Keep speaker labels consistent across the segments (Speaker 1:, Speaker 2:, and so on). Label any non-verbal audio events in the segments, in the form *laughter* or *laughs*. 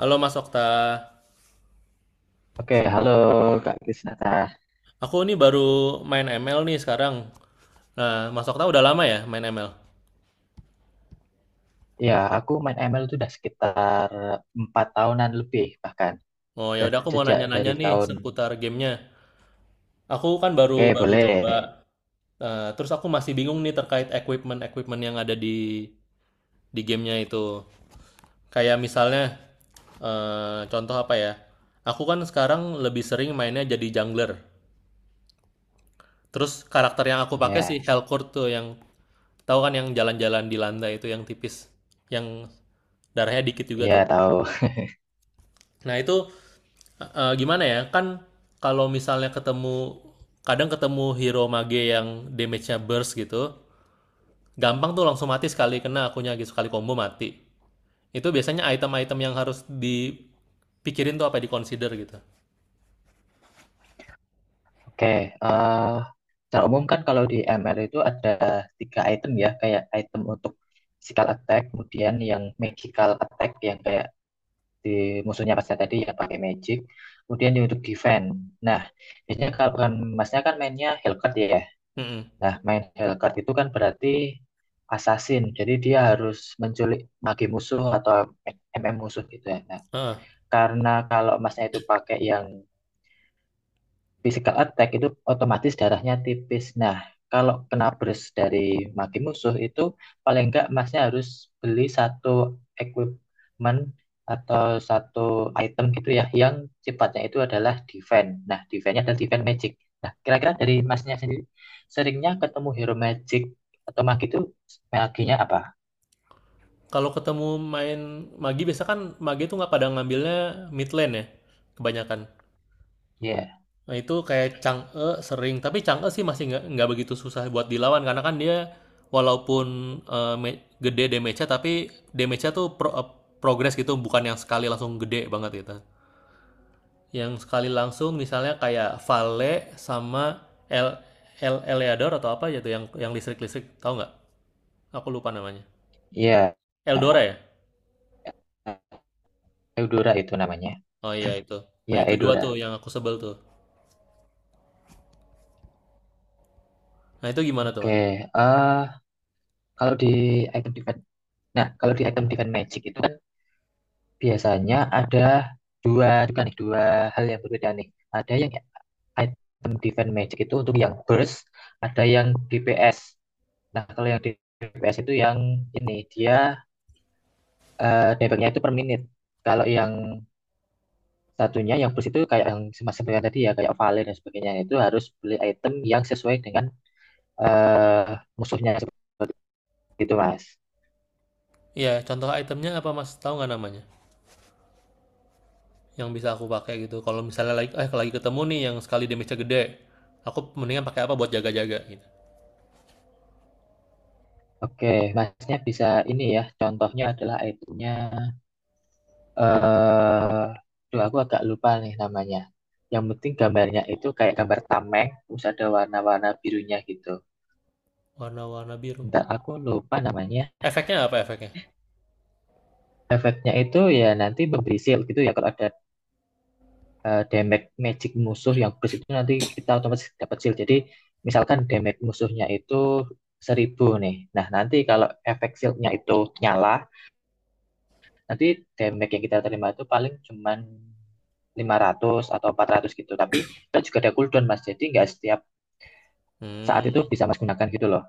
Speaker 1: Halo Mas Okta,
Speaker 2: Oke, halo Kak Krisnata.
Speaker 1: aku nih baru main ML nih sekarang. Nah, Mas Okta udah lama ya main ML?
Speaker 2: Ya, aku main ML itu udah sekitar 4 tahunan lebih bahkan.
Speaker 1: Oh ya
Speaker 2: Dan
Speaker 1: udah aku mau
Speaker 2: sejak
Speaker 1: nanya-nanya
Speaker 2: dari
Speaker 1: nih
Speaker 2: tahun,
Speaker 1: seputar gamenya. Aku kan baru
Speaker 2: oke
Speaker 1: baru coba.
Speaker 2: boleh.
Speaker 1: Terus aku masih bingung nih terkait equipment equipment yang ada di gamenya itu. Kayak misalnya, contoh apa ya? Aku kan sekarang lebih sering mainnya jadi jungler. Terus karakter yang aku pakai si
Speaker 2: Ya,
Speaker 1: Helcourt tuh yang tahu kan, yang jalan-jalan di lantai itu yang tipis, yang darahnya dikit juga
Speaker 2: ya
Speaker 1: tuh.
Speaker 2: tahu.
Speaker 1: Nah, itu gimana ya? Kan kalau misalnya ketemu, kadang ketemu hero mage yang damage-nya burst gitu, gampang tuh langsung mati sekali kena akunya gitu, sekali combo mati. Itu biasanya item-item yang harus dipikirin tuh apa, di consider gitu.
Speaker 2: Oke, eh secara umum kan kalau di ML itu ada tiga item ya, kayak item untuk physical attack, kemudian yang magical attack yang kayak di musuhnya pas tadi yang pakai magic, kemudian yang untuk defense. Nah, biasanya kalau kan masnya kan mainnya Hellcat ya. Nah, main Hellcat itu kan berarti assassin. Jadi dia harus menculik mage musuh atau MM musuh gitu ya. Nah,
Speaker 1: Mm.
Speaker 2: karena kalau masnya itu pakai yang physical attack itu otomatis darahnya tipis. Nah, kalau kena burst dari maki musuh itu paling enggak masnya harus beli satu equipment atau satu item gitu ya yang sifatnya itu adalah defense. Nah, defense-nya adalah defense magic. Nah, kira-kira dari masnya sendiri seringnya ketemu hero magic atau maki itu maginya apa?
Speaker 1: Kalau ketemu main Magi biasa, kan Magi tuh nggak pada ngambilnya mid lane ya kebanyakan.
Speaker 2: Ya,
Speaker 1: Nah itu kayak Chang'e sering, tapi Chang'e sih masih nggak begitu susah buat dilawan karena kan dia walaupun gede damage-nya, tapi damage-nya tuh progress gitu, bukan yang sekali langsung gede banget gitu. Yang sekali langsung misalnya kayak Vale sama El El Eleador atau apa gitu, yang listrik-listrik tahu nggak? Aku lupa namanya.
Speaker 2: ya,
Speaker 1: Eldora ya?
Speaker 2: Eudora itu namanya.
Speaker 1: Oh iya itu. Nah
Speaker 2: Ya,
Speaker 1: itu dua tuh
Speaker 2: Eudora.
Speaker 1: yang aku sebel tuh. Nah, itu gimana tuh, Mas?
Speaker 2: Oke, eh kalau di item defense Nah, kalau di item Divine Magic itu kan biasanya ada dua juga nih, dua hal yang berbeda nih. Ada yang item Divine Magic itu untuk yang burst, ada yang DPS. Nah, kalau yang DPS itu yang ini dia damage-nya itu per menit. Kalau yang satunya yang burst itu kayak yang semacam yang tadi ya kayak Vale dan sebagainya itu harus beli item yang sesuai dengan eh musuhnya seperti itu, Mas.
Speaker 1: Iya, contoh itemnya apa, Mas? Tahu nggak namanya? Yang bisa aku pakai gitu. Kalau misalnya lagi lagi ketemu nih yang sekali damage-nya gede, aku mendingan pakai apa buat jaga-jaga gitu.
Speaker 2: Oke, Masnya bisa ini ya. Contohnya adalah itemnya eh tuh aku agak lupa nih namanya. Yang penting gambarnya itu kayak gambar tameng, terus ada warna-warna birunya gitu.
Speaker 1: Warna-warna biru.
Speaker 2: Bentar, aku lupa namanya.
Speaker 1: Efeknya apa, efeknya?
Speaker 2: Efeknya itu ya nanti memberi shield gitu ya. Kalau ada damage magic musuh yang burst itu nanti kita otomatis dapat shield. Jadi misalkan damage musuhnya itu 1.000 nih. Nah, nanti kalau efek shieldnya itu nyala, nanti damage yang kita terima itu paling cuman 500 atau 400 gitu. Tapi kita juga ada cooldown mas, jadi nggak setiap saat itu
Speaker 1: Hmm,
Speaker 2: bisa Mas gunakan gitu loh.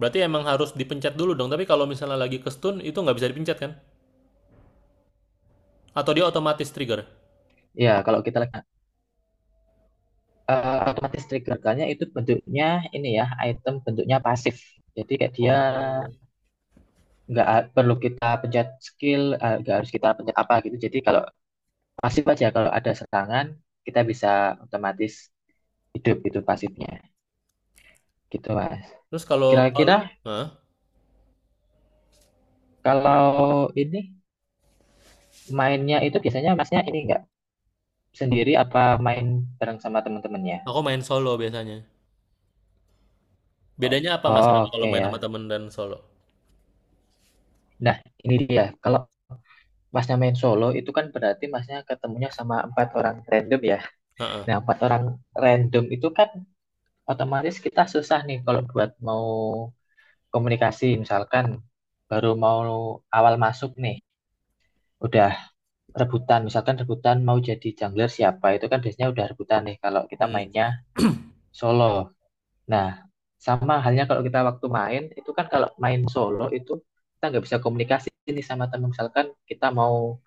Speaker 1: berarti emang harus dipencet dulu dong. Tapi kalau misalnya lagi ke stun itu nggak bisa dipencet kan? Atau dia otomatis trigger?
Speaker 2: Ya, kalau kita lihat otomatis triggerkannya itu bentuknya ini ya, item bentuknya pasif. Jadi kayak dia
Speaker 1: Oh.
Speaker 2: nggak perlu kita pencet skill, nggak harus kita pencet apa gitu. Jadi kalau pasif aja kalau ada serangan kita bisa otomatis hidup gitu pasifnya. Gitu, Mas.
Speaker 1: Terus kalau
Speaker 2: Kira-kira
Speaker 1: kalau hah?
Speaker 2: kalau ini mainnya itu biasanya Masnya ini nggak sendiri apa main bareng sama teman-temannya?
Speaker 1: Aku main solo biasanya.
Speaker 2: O-
Speaker 1: Bedanya apa Mas, kenapa kalau
Speaker 2: Oke,
Speaker 1: main sama
Speaker 2: ya.
Speaker 1: temen dan solo?
Speaker 2: Nah, ini dia. Kalau Masnya main solo itu kan berarti masnya ketemunya sama empat orang random ya.
Speaker 1: Heeh.
Speaker 2: Nah, empat orang random itu kan otomatis kita susah nih kalau buat mau komunikasi. Misalkan baru mau awal masuk nih, udah rebutan. Misalkan rebutan mau jadi jungler siapa, itu kan biasanya udah rebutan nih kalau kita
Speaker 1: Hmm.
Speaker 2: mainnya solo. Nah, sama halnya kalau kita waktu main, itu kan kalau main solo itu kita nggak bisa komunikasi nih sama teman. Misalkan kita mau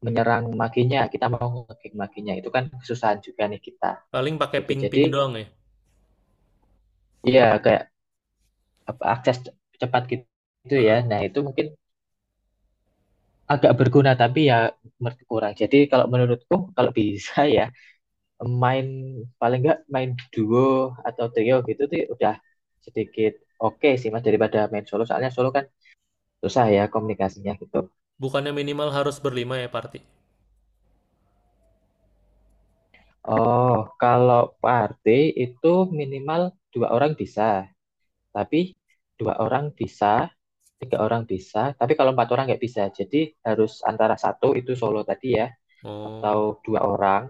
Speaker 2: menyerang makinya, kita mau ngekick makinya. Itu kan kesusahan juga nih kita.
Speaker 1: Paling pakai
Speaker 2: Gitu. Jadi
Speaker 1: ping-ping doang ya.
Speaker 2: ya kayak apa, akses cepat gitu, gitu ya.
Speaker 1: Heeh.
Speaker 2: Nah, itu mungkin agak berguna tapi ya kurang. Jadi kalau menurutku kalau bisa *laughs* ya main paling nggak main duo atau trio gitu tuh udah sedikit oke sih Mas daripada main solo. Soalnya solo kan susah ya komunikasinya gitu.
Speaker 1: Bukannya minimal harus berlima ya, party?
Speaker 2: Oh, kalau party itu minimal dua orang bisa, tapi dua orang bisa, tiga orang bisa, tapi kalau empat orang nggak bisa. Jadi harus antara satu itu solo tadi ya,
Speaker 1: Oh,
Speaker 2: atau dua orang,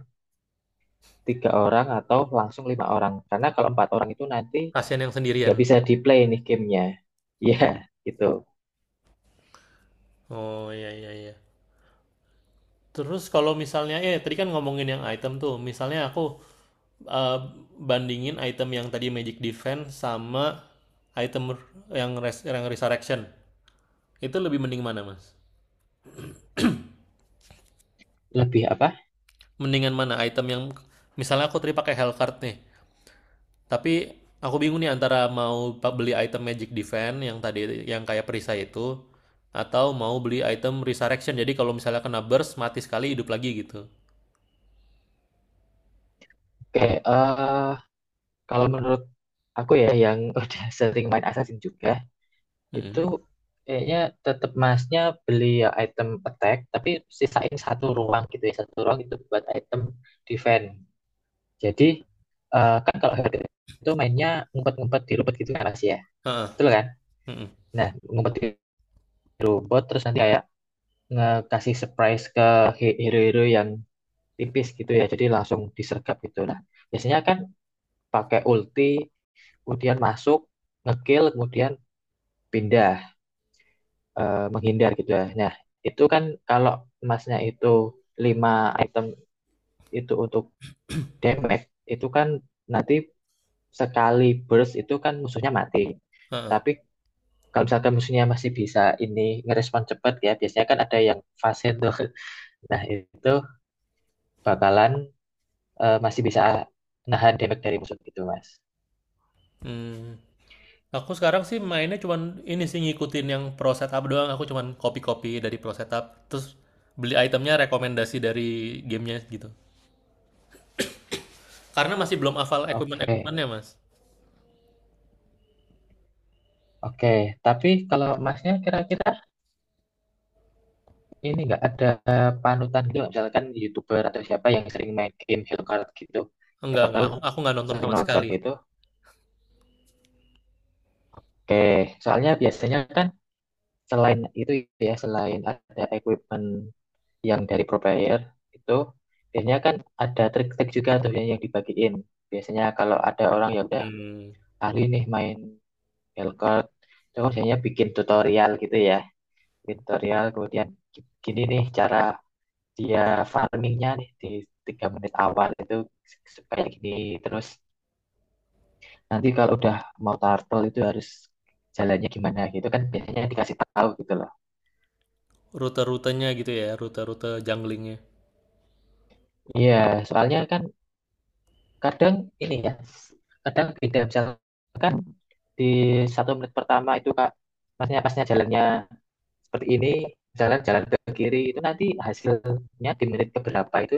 Speaker 2: tiga orang, atau langsung lima orang. Karena kalau empat orang itu nanti
Speaker 1: kasihan yang sendirian.
Speaker 2: nggak bisa di play nih gamenya. Iya, gitu.
Speaker 1: Oh iya iya iya. Terus kalau misalnya, eh, tadi kan ngomongin yang item tuh, misalnya aku, eh, bandingin item yang tadi Magic Defense sama item yang yang Resurrection. Itu lebih mending mana, Mas?
Speaker 2: Lebih apa?
Speaker 1: Mendingan mana item yang, misalnya aku tadi pakai Hellcard nih. Tapi aku bingung nih antara mau beli item Magic Defense yang tadi yang kayak perisai itu, atau mau beli item Resurrection. Jadi kalau misalnya kena burst mati sekali, hidup lagi gitu.
Speaker 2: Kayak kalau menurut aku ya yang *laughs* udah sering main Assassin juga, itu
Speaker 1: Mm-mm.
Speaker 2: kayaknya tetap masnya beli ya item attack, tapi sisain satu ruang gitu ya, satu ruang itu buat item defense. Jadi kan kalau herd itu mainnya ngumpet-ngumpet di robot gitu kan Mas ya.
Speaker 1: Heeh.
Speaker 2: Betul kan?
Speaker 1: Mm.
Speaker 2: Nah, ngumpet di robot terus nanti kayak ngasih surprise ke hero-hero yang tipis gitu ya. Jadi langsung disergap gitu. Nah, biasanya kan pakai ulti, kemudian masuk, ngekill, kemudian pindah, menghindar gitu ya. Nah, itu kan kalau emasnya itu 5 item itu untuk damage, itu kan nanti sekali burst itu kan musuhnya mati.
Speaker 1: Heeh.
Speaker 2: Tapi kalau misalkan musuhnya masih bisa ini ngerespon cepat ya biasanya kan ada yang fase tuh, *laughs* nah itu bakalan masih bisa nahan damage dari musuh gitu, mas.
Speaker 1: Hmm. Aku sekarang sih mainnya cuman ini sih, ngikutin yang pro setup doang. Aku cuman copy-copy dari pro setup, terus beli itemnya rekomendasi dari gamenya gitu. Karena masih belum hafal
Speaker 2: Oke,
Speaker 1: equipment-equipmentnya, Mas.
Speaker 2: oke, tapi kalau masnya kira-kira ini nggak ada panutan gitu nggak? Misalkan youtuber atau siapa yang sering main game Hero Card gitu,
Speaker 1: Enggak,
Speaker 2: siapa
Speaker 1: enggak.
Speaker 2: tahu
Speaker 1: Aku nggak nonton
Speaker 2: sering
Speaker 1: sama
Speaker 2: nonton
Speaker 1: sekali.
Speaker 2: gitu. Oke, soalnya biasanya kan selain itu ya selain ada equipment yang dari provider itu biasanya kan ada trik-trik juga tuh yang dibagiin. Biasanya kalau ada orang yang udah
Speaker 1: Hmm.
Speaker 2: ahli nih main Belcort, itu kan biasanya bikin tutorial gitu ya. Bikin tutorial kemudian gini nih cara dia farmingnya nih di 3 menit awal itu supaya gini, terus nanti kalau udah mau turtle itu harus jalannya gimana gitu kan biasanya dikasih tahu gitu loh.
Speaker 1: Rute-rutenya gitu ya, rute-rute junglingnya.
Speaker 2: Iya, soalnya kan kadang ini ya kadang beda misalkan di 1 menit pertama itu kak masnya pasnya jalannya seperti ini jalan jalan ke kiri itu nanti hasilnya di menit keberapa itu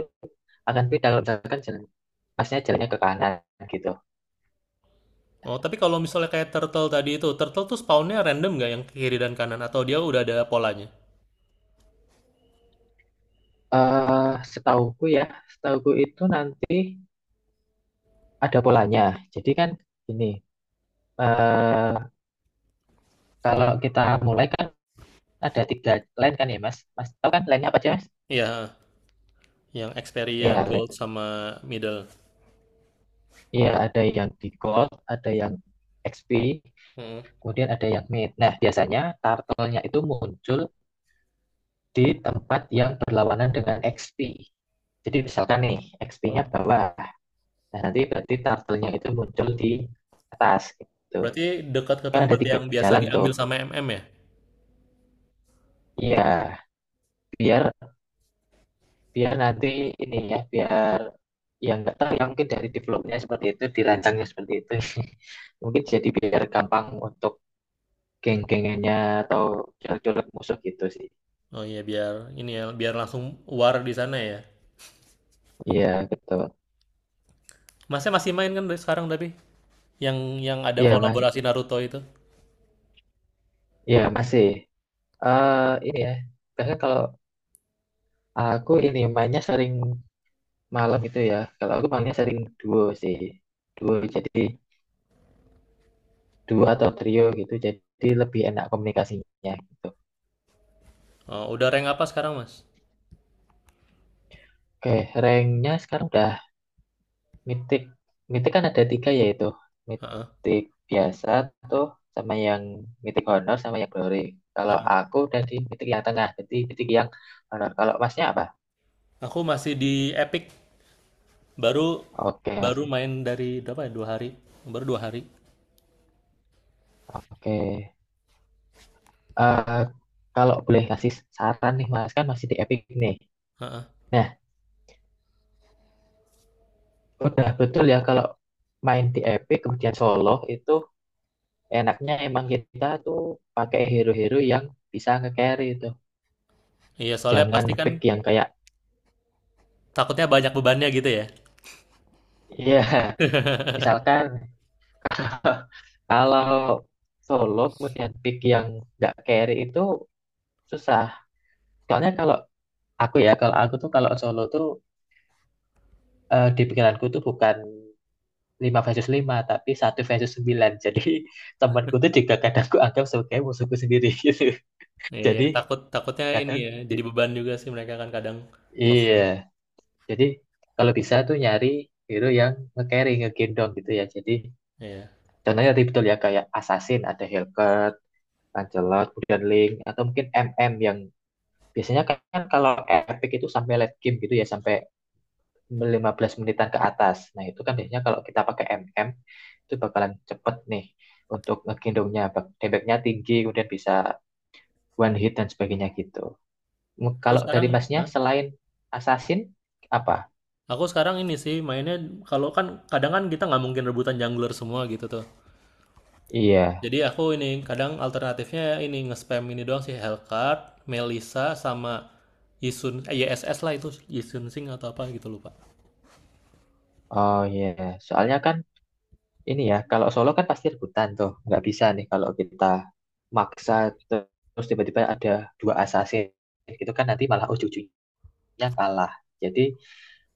Speaker 2: akan beda kalau misalkan jalan pasnya jalannya ke kanan gitu.
Speaker 1: Oh, tapi kalau misalnya kayak turtle tadi itu, turtle tuh spawnnya random nggak yang kiri dan kanan? Atau dia udah ada polanya?
Speaker 2: Setauku ya setauku itu nanti ada polanya, jadi kan ini eh kalau kita mulai kan ada tiga line kan ya mas, mas tahu kan line nya apa aja mas.
Speaker 1: Iya, yang experience,
Speaker 2: Ya,
Speaker 1: gold, sama middle.
Speaker 2: iya, ada yang di Gold, ada yang XP,
Speaker 1: Mm-mm.
Speaker 2: kemudian ada yang Mid. Nah, biasanya turtle-nya itu muncul di tempat yang berlawanan dengan XP. Jadi misalkan nih, XP-nya
Speaker 1: Oh,
Speaker 2: bawah. Nah, nanti berarti turtle-nya itu muncul di atas gitu.
Speaker 1: berarti dekat ke
Speaker 2: Kan ada
Speaker 1: tempat
Speaker 2: tiga
Speaker 1: yang biasa
Speaker 2: jalan tuh.
Speaker 1: diambil sama MM ya?
Speaker 2: Iya, biar biar nanti ini ya, biar yang nggak tahu ya mungkin dari developnya seperti itu, dirancangnya seperti itu. *laughs* Mungkin jadi biar gampang untuk geng-gengannya atau colek-colek musuh gitu sih.
Speaker 1: Oh iya, biar ini ya, biar langsung war di sana ya.
Speaker 2: Iya, betul.
Speaker 1: Masnya masih main kan dari sekarang tapi? Yang yang ada
Speaker 2: Iya, Mas.
Speaker 1: kolaborasi Naruto itu?
Speaker 2: Iya, masih. Eh ini ya. Karena kalau aku ini mainnya sering malam gitu ya. Kalau aku mainnya sering duo sih. Duo jadi duo atau trio gitu. Jadi lebih enak komunikasinya gitu.
Speaker 1: Oh, udah rank apa sekarang, Mas?
Speaker 2: Oke, ranknya sekarang udah Mythic, Mythic kan ada tiga yaitu
Speaker 1: Heeh,
Speaker 2: Mythic biasa tuh sama yang Mythic Honor sama yang Glory. Kalau
Speaker 1: heeh.
Speaker 2: aku dari Mythic yang tengah, jadi Mythic yang Honor. Kalau masnya apa?
Speaker 1: Aku masih di Epic. Baru,
Speaker 2: Oke mas,
Speaker 1: baru main dari berapa ya? Dua hari. Baru dua hari.
Speaker 2: oke. Eh, kalau boleh kasih saran nih mas, kan masih di Epic nih.
Speaker 1: Heeh.
Speaker 2: Nah, udah betul ya kalau main di Epic kemudian solo itu enaknya emang kita tuh pakai hero-hero yang bisa nge-carry itu.
Speaker 1: Iya, soalnya
Speaker 2: Jangan
Speaker 1: pasti kan
Speaker 2: pick yang kayak,
Speaker 1: takutnya banyak bebannya gitu ya.
Speaker 2: ya *laughs* misalkan *laughs* kalau solo kemudian pick yang nggak carry itu susah. Soalnya kalau aku ya, kalau aku tuh kalau solo tuh di pikiranku tuh bukan 5 versus 5 tapi satu versus 9. Jadi *laughs* temanku tuh juga kadang aku anggap sebagai musuhku sendiri *laughs* gitu.
Speaker 1: Iya, iya.
Speaker 2: Jadi
Speaker 1: Takut, takutnya ini
Speaker 2: kadang,
Speaker 1: ya, jadi
Speaker 2: i-
Speaker 1: beban juga sih mereka kan kadang
Speaker 2: iya.
Speaker 1: ngefit.
Speaker 2: Jadi kalau bisa tuh nyari hero yang nge-carry, ngegendong gitu ya. Jadi
Speaker 1: Iya.
Speaker 2: contohnya tadi betul ya, kayak Assassin, ada Hellcat, Lancelot, kemudian Link, atau mungkin MM yang biasanya kan kan kalau epic itu sampai late game gitu ya, sampai 15 menitan ke atas. Nah, itu kan biasanya kalau kita pakai MM, itu bakalan cepet nih untuk ngegendongnya. Damage-nya tinggi, kemudian bisa one hit dan sebagainya gitu.
Speaker 1: Aku
Speaker 2: Kalau dari
Speaker 1: sekarang,
Speaker 2: masnya,
Speaker 1: hah?
Speaker 2: selain Assassin, apa?
Speaker 1: Aku sekarang ini sih mainnya, kalau kan kadang kan kita nggak mungkin rebutan jungler semua gitu tuh.
Speaker 2: Iya,
Speaker 1: Jadi aku ini kadang alternatifnya ini nge-spam ini doang sih, Hellcat, Melisa sama Yisun, eh, YSS lah, itu Yisun Sing atau apa gitu lupa.
Speaker 2: oh iya. Soalnya kan ini ya, kalau solo kan pasti rebutan tuh. Nggak bisa nih kalau kita maksa terus tiba-tiba ada dua assassin gitu kan nanti malah ujung-ujungnya kalah. Jadi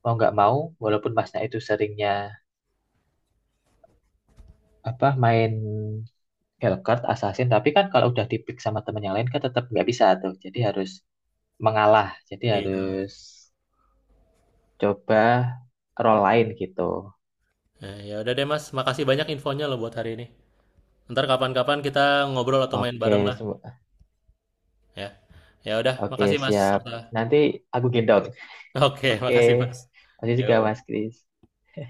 Speaker 2: mau nggak mau walaupun masnya itu seringnya apa main Hellcurt Assassin tapi kan kalau udah dipick sama temen yang lain kan tetap nggak bisa tuh jadi harus mengalah jadi
Speaker 1: Iya.
Speaker 2: harus coba role lain gitu.
Speaker 1: Nah, ya udah deh Mas, makasih banyak infonya loh buat hari ini. Ntar kapan-kapan kita ngobrol atau main
Speaker 2: Oke
Speaker 1: bareng lah,
Speaker 2: semu-
Speaker 1: ya. Ya udah,
Speaker 2: oke
Speaker 1: makasih Mas
Speaker 2: siap,
Speaker 1: Okta.
Speaker 2: nanti aku gendong.
Speaker 1: Oke, *laughs*
Speaker 2: Oke,
Speaker 1: makasih Mas.
Speaker 2: masih juga Mas
Speaker 1: Yo.
Speaker 2: Kris.